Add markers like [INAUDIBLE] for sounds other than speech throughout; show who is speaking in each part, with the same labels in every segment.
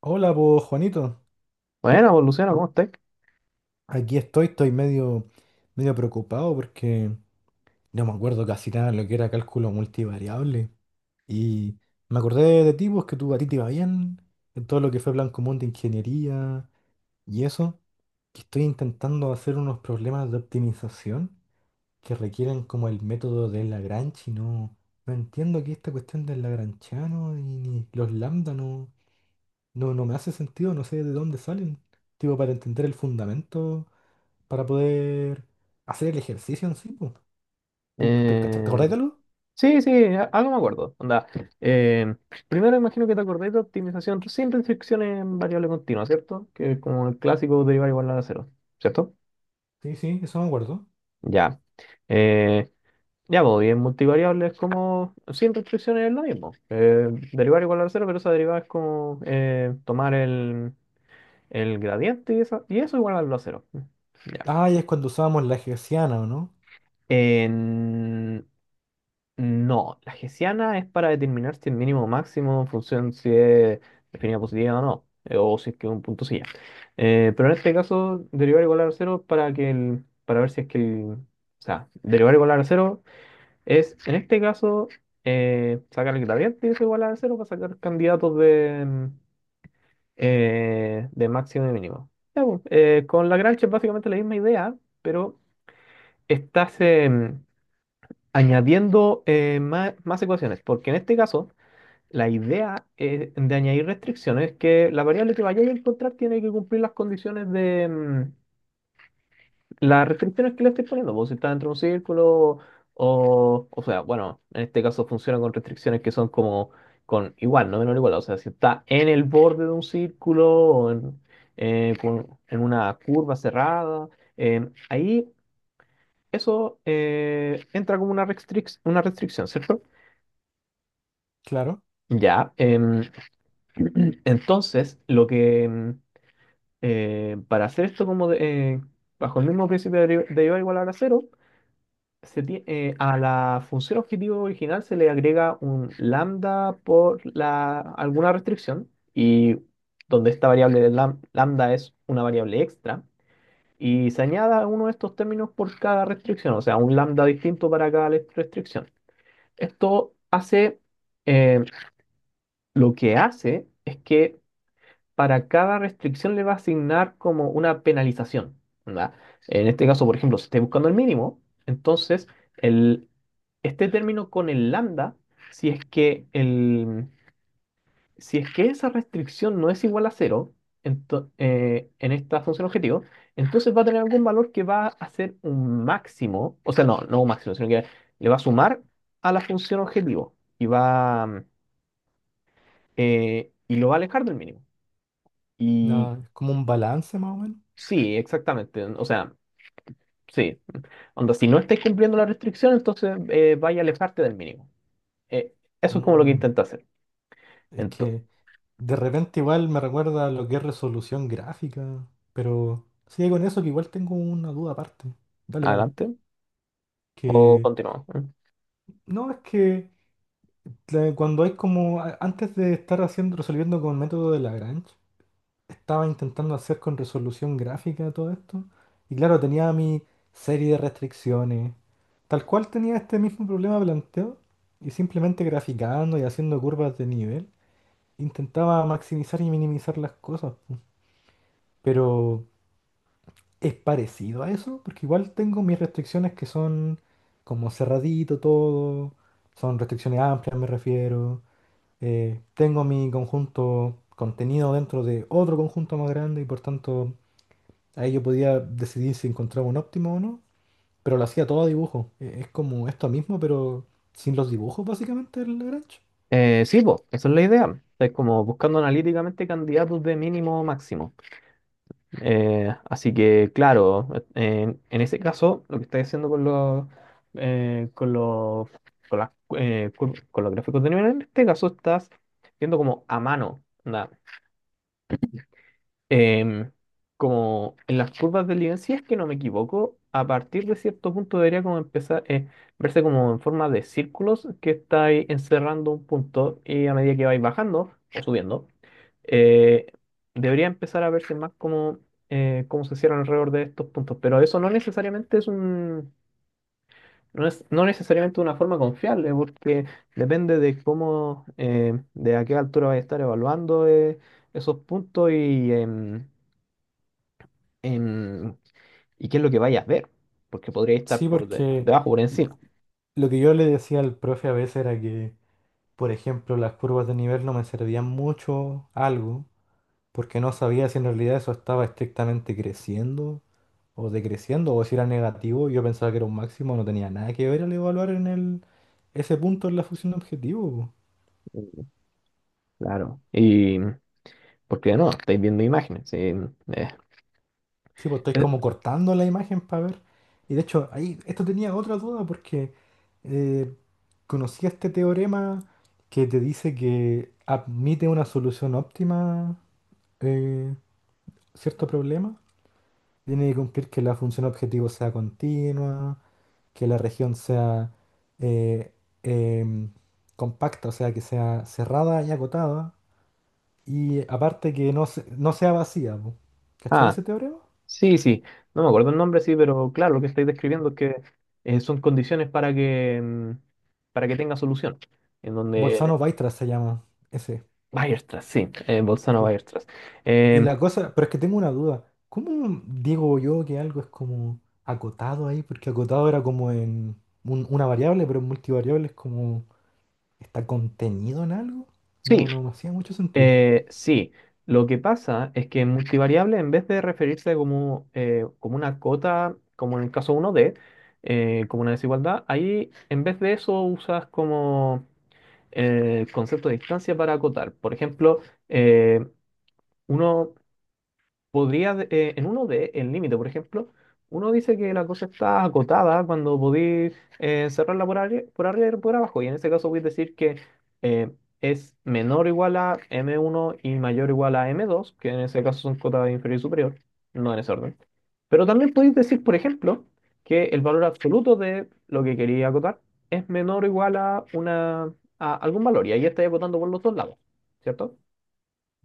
Speaker 1: Hola, pues Juanito.
Speaker 2: Bueno, pues, Luciano, ¿cómo estás?
Speaker 1: Aquí estoy, estoy medio preocupado porque no me acuerdo casi nada de lo que era cálculo multivariable. Y me acordé de ti, pues que tú a ti te iba bien, en todo lo que fue plan común de ingeniería y eso. Que estoy intentando hacer unos problemas de optimización que requieren como el método de Lagrange y no entiendo que esta cuestión del lagranchiano y ni los lambda no me hace sentido, no sé de dónde salen. Tipo, para entender el fundamento, para poder hacer el ejercicio en sí, pues. ¿Tú te
Speaker 2: Eh,
Speaker 1: acordás de algo?
Speaker 2: sí, sí, a- algo me acuerdo. Onda, eh, primero imagino que te acordás de optimización sin restricciones en variable continua, ¿cierto? Que es como el clásico derivar igual a cero, ¿cierto?
Speaker 1: Sí, sí, eso me acuerdo.
Speaker 2: Ya. Eh, ya, pues, y en multivariable es como sin restricciones es lo mismo. Derivar igual a cero, pero esa derivada es como tomar el gradiente y, y eso igualarlo a cero. Ya.
Speaker 1: Ah, ¿y es cuando usábamos la hessiana, o no?
Speaker 2: En- No, la hessiana es para determinar si el mínimo o máximo en función si es definida positiva o no, o si es que es un punto silla. Pero en este caso, derivar igual a cero para que el, para ver si es que el, o sea, derivar igual a cero es, en este caso, sacar el gradiente es igual a cero para sacar candidatos de, de máximo y mínimo. Ya, pues, con Lagrange es básicamente la misma idea, pero estás, añadiendo más ecuaciones, porque en este caso la idea de añadir restricciones es que la variable que vayáis a encontrar tiene que cumplir las condiciones de las restricciones que le estáis poniendo, pues si está dentro de un círculo o sea, bueno, en este caso funciona con restricciones que son como con igual, no menor o igual, o sea, si está en el borde de un círculo o en, en una curva cerrada, ahí eso entra como una una restricción, ¿cierto?
Speaker 1: Claro.
Speaker 2: Ya, [CLEARS THROAT] entonces, lo que para hacer esto como eh, bajo el mismo principio de derivada igual a la cero, a la función objetivo original se le agrega un lambda por la, alguna restricción y donde esta variable de lambda es una variable extra y se añada uno de estos términos por cada restricción, o sea, un lambda distinto para cada restricción. Esto hace, em, lo que hace es que para cada restricción le va a asignar como una penalización, ¿verdad? En este caso, por ejemplo, si estoy buscando el mínimo, entonces el, este término con el lambda, si es que, el, si es que esa restricción no es igual a cero en esta función objetivo, entonces va a tener algún valor que va a ser un máximo, o sea, no, no un máximo, sino que le va a sumar a la función objetivo y va, y lo va a alejar del mínimo. Y
Speaker 1: Ah, es como un balance más o menos.
Speaker 2: sí, exactamente. O sea, sí. Onda, si no estáis cumpliendo la restricción, entonces vaya a alejarte del mínimo. Eh, Eso es como lo que
Speaker 1: Mm,
Speaker 2: intenta hacer.
Speaker 1: es
Speaker 2: Entonces,
Speaker 1: que de repente igual me recuerda a lo que es resolución gráfica, pero sigue con eso que igual tengo una duda aparte. Dale, dale.
Speaker 2: adelante. O
Speaker 1: Que
Speaker 2: continuamos.
Speaker 1: no, es que cuando hay como antes de estar haciendo, resolviendo con método de Lagrange, estaba intentando hacer con resolución gráfica todo esto. Y claro, tenía mi serie de restricciones. Tal cual tenía este mismo problema planteado. Y simplemente graficando y haciendo curvas de nivel, intentaba maximizar y minimizar las cosas, po. Pero es parecido a eso, porque igual tengo mis restricciones que son como cerradito todo. Son restricciones amplias, me refiero. Tengo mi conjunto contenido dentro de otro conjunto más grande y, por tanto, ahí yo podía decidir si encontraba un óptimo o no, pero lo hacía todo a dibujo. Es como esto mismo, pero sin los dibujos, básicamente, el Lagrange.
Speaker 2: Sí, pues, esa es la idea. Es como buscando analíticamente candidatos de mínimo o máximo. Así que, claro, en ese caso, lo que estáis haciendo con los, eh, con los, con las, con los gráficos de nivel, en este caso estás viendo como a mano, ¿no? em, Como en las curvas de Lyon, si es que no me equivoco, a partir de cierto punto debería como empezar verse como en forma de círculos que estáis encerrando un punto y a medida que vais bajando o subiendo, eh, debería empezar a verse más como cómo se cierran alrededor de estos puntos. Pero eso no necesariamente es un, no es no necesariamente una forma confiable, porque depende de cómo, de a qué altura vais a estar evaluando esos puntos y em, y qué es lo que vayas a ver, porque podría estar
Speaker 1: Sí,
Speaker 2: por
Speaker 1: porque
Speaker 2: debajo, por
Speaker 1: l-
Speaker 2: encima.
Speaker 1: lo que yo le decía al profe a veces era que, por ejemplo, las curvas de nivel no me servían mucho algo, porque no sabía si en realidad eso estaba estrictamente creciendo o decreciendo, o si era negativo. Yo pensaba que era un máximo, no tenía nada que ver al evaluar en ese punto en la función de objetivo.
Speaker 2: Mm, Claro. Y porque no, estáis viendo imágenes. Sí,
Speaker 1: Sí, pues estoy como
Speaker 2: eh,
Speaker 1: cortando la imagen para ver. Y de hecho, ahí, esto tenía otra duda porque eh, conocí este teorema que te dice que admite una solución óptima eh, cierto problema. Tiene que cumplir que la función objetivo sea continua, que la región sea eh, em, compacta, o sea, que sea cerrada y acotada. Y aparte que no sea vacía, po. ¿Cachai
Speaker 2: ah,
Speaker 1: ese teorema?
Speaker 2: sí, sí. No me acuerdo el nombre, sí, pero claro, lo que estáis describiendo es que son condiciones para que para que tenga solución. En donde
Speaker 1: Bolzano-Weierstrass se llama. Ese.
Speaker 2: Weierstrass, sí,
Speaker 1: Sí.
Speaker 2: Bolzano-Weierstrass.
Speaker 1: Y
Speaker 2: Em,
Speaker 1: la cosa, pero es que tengo una duda. ¿Cómo digo yo que algo es como acotado ahí? Porque acotado era como en una variable, pero en multivariable es como está contenido en algo.
Speaker 2: sí.
Speaker 1: No, no me hacía mucho sentido.
Speaker 2: Sí, lo que pasa es que multivariable, en vez de referirse como, como una cota, como en el caso uno d como una desigualdad, ahí en vez de eso usas como el concepto de distancia para acotar. Por ejemplo, eh, uno podría, en uno de El Límite, por ejemplo, uno dice que la cosa está acotada cuando podéis cerrarla por arriba y por abajo, y en este caso voy a decir que eh, es menor o igual a m uno y mayor o igual a m dos que en ese caso son cotas inferior y superior, no en ese orden. Pero también podéis decir, por ejemplo, que el valor absoluto de lo que quería acotar es menor o igual a, una, a algún valor, y ahí estáis acotando por los dos lados, ¿cierto?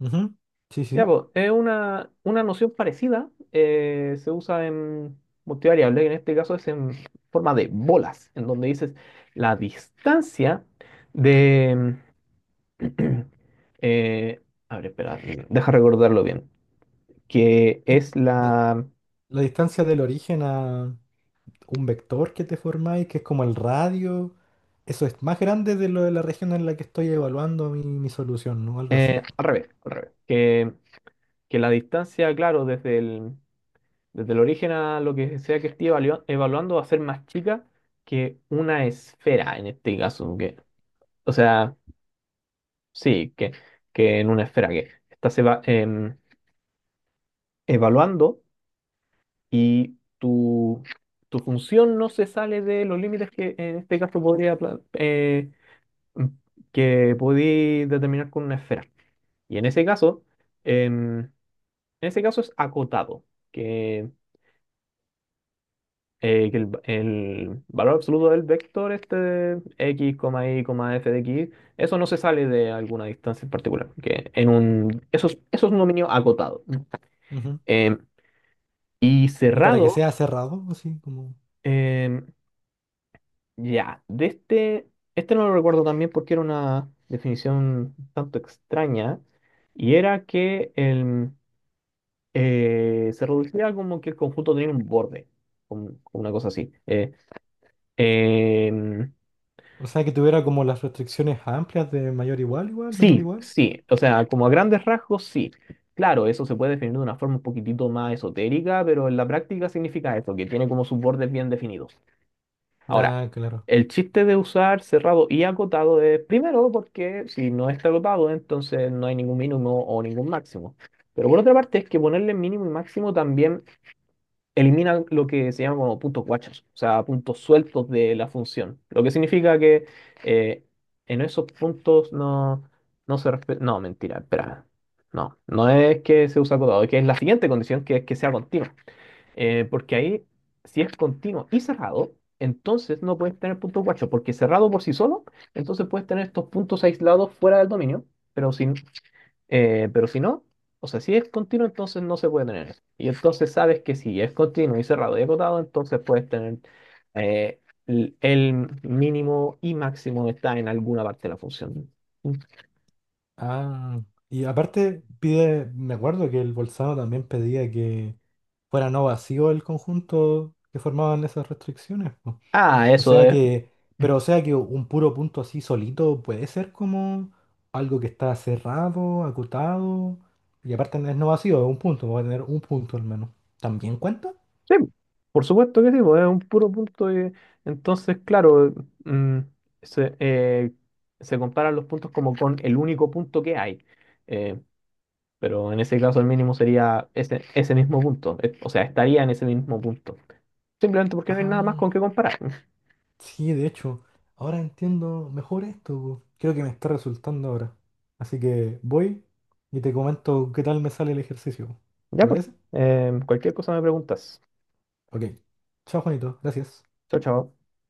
Speaker 1: Ujú. Sí,
Speaker 2: Ya,
Speaker 1: sí.
Speaker 2: pues, es una noción parecida, se usa en multivariable, que en este caso es en forma de bolas, en donde dices la distancia de... [CLEARS THROAT] eh, a ver, espera, deja recordarlo bien, que
Speaker 1: Es
Speaker 2: es
Speaker 1: La,
Speaker 2: la...
Speaker 1: la distancia del origen a un vector que te formáis, que es como el radio, eso es más grande de lo de la región en la que estoy evaluando mi solución, ¿no? Algo así.
Speaker 2: al revés, que la distancia, claro, desde el origen a lo que sea que esté evaluando va a ser más chica que una esfera, en este caso, que, o sea... Sí, que en una esfera que estás evaluando y tu función no se sale de los límites que en este caso podría mm, que podí determinar con una esfera. Y en ese caso, en ese caso es acotado, que, que el valor absoluto del vector, este x, y, f de x, eso no se sale de alguna distancia en particular, que en un, eso es un dominio acotado.
Speaker 1: Ujú.
Speaker 2: Em, Y
Speaker 1: ¿Y para que
Speaker 2: cerrado,
Speaker 1: sea cerrado, así como...?
Speaker 2: em, ya, de este, este no lo recuerdo también porque era una definición un tanto extraña, y era que el, se reducía como que el conjunto tenía un borde, una cosa así. Em,
Speaker 1: O sea, que tuviera como las restricciones amplias de mayor igual, igual, menor
Speaker 2: sí,
Speaker 1: igual.
Speaker 2: sí, o sea, como a grandes rasgos, sí. Claro, eso se puede definir de una forma un poquitito más esotérica, pero en la práctica significa esto, que tiene como sus bordes bien definidos. Ahora,
Speaker 1: Ah, claro.
Speaker 2: el chiste de usar cerrado y acotado es primero porque si no está acotado, entonces no hay ningún mínimo o ningún máximo. Pero por otra parte es que ponerle mínimo y máximo también elimina lo que se llama como puntos guachos, o sea, puntos sueltos de la función. Lo que significa que eh, en esos puntos no, no se respeta. No, mentira, espera. No, no es que se usa acotado, es que es la siguiente condición que es que sea continuo. Porque ahí, si es continuo y cerrado, entonces no puedes tener puntos guachos, porque cerrado por sí solo, entonces puedes tener estos puntos aislados fuera del dominio, pero si, pero si no, o sea, si es continuo, entonces no se puede tener eso. Y entonces sabes que si es continuo y cerrado y acotado, entonces puedes tener eh, el mínimo y máximo está en alguna parte de la función.
Speaker 1: Ah, y aparte pide, me acuerdo que el Bolzano también pedía que fuera no vacío el conjunto que formaban esas restricciones, po.
Speaker 2: Ah,
Speaker 1: O
Speaker 2: eso
Speaker 1: sea
Speaker 2: es
Speaker 1: que, pero o sea que un puro punto así solito puede ser como algo que está cerrado, acotado. Y aparte no es no vacío, es un punto, va a tener un punto al menos. ¿También cuenta?
Speaker 2: sí, por supuesto que sí, pues, es un puro punto. Entonces, claro, mm, se, se comparan los puntos como con el único punto que hay. Eh, pero en ese caso el mínimo sería ese, ese mismo punto. O sea, estaría en ese mismo punto. Simplemente porque no hay nada más
Speaker 1: Ah.
Speaker 2: con qué comparar. [LAUGHS]
Speaker 1: Sí, de hecho, ahora entiendo mejor esto, po. Creo que me está resultando ahora. Así que voy y te comento qué tal me sale el ejercicio.
Speaker 2: Ya
Speaker 1: ¿Te
Speaker 2: pues,
Speaker 1: parece?
Speaker 2: cualquier cosa me preguntas.
Speaker 1: Ok. Chao, Juanito. Gracias.
Speaker 2: Chao, chao.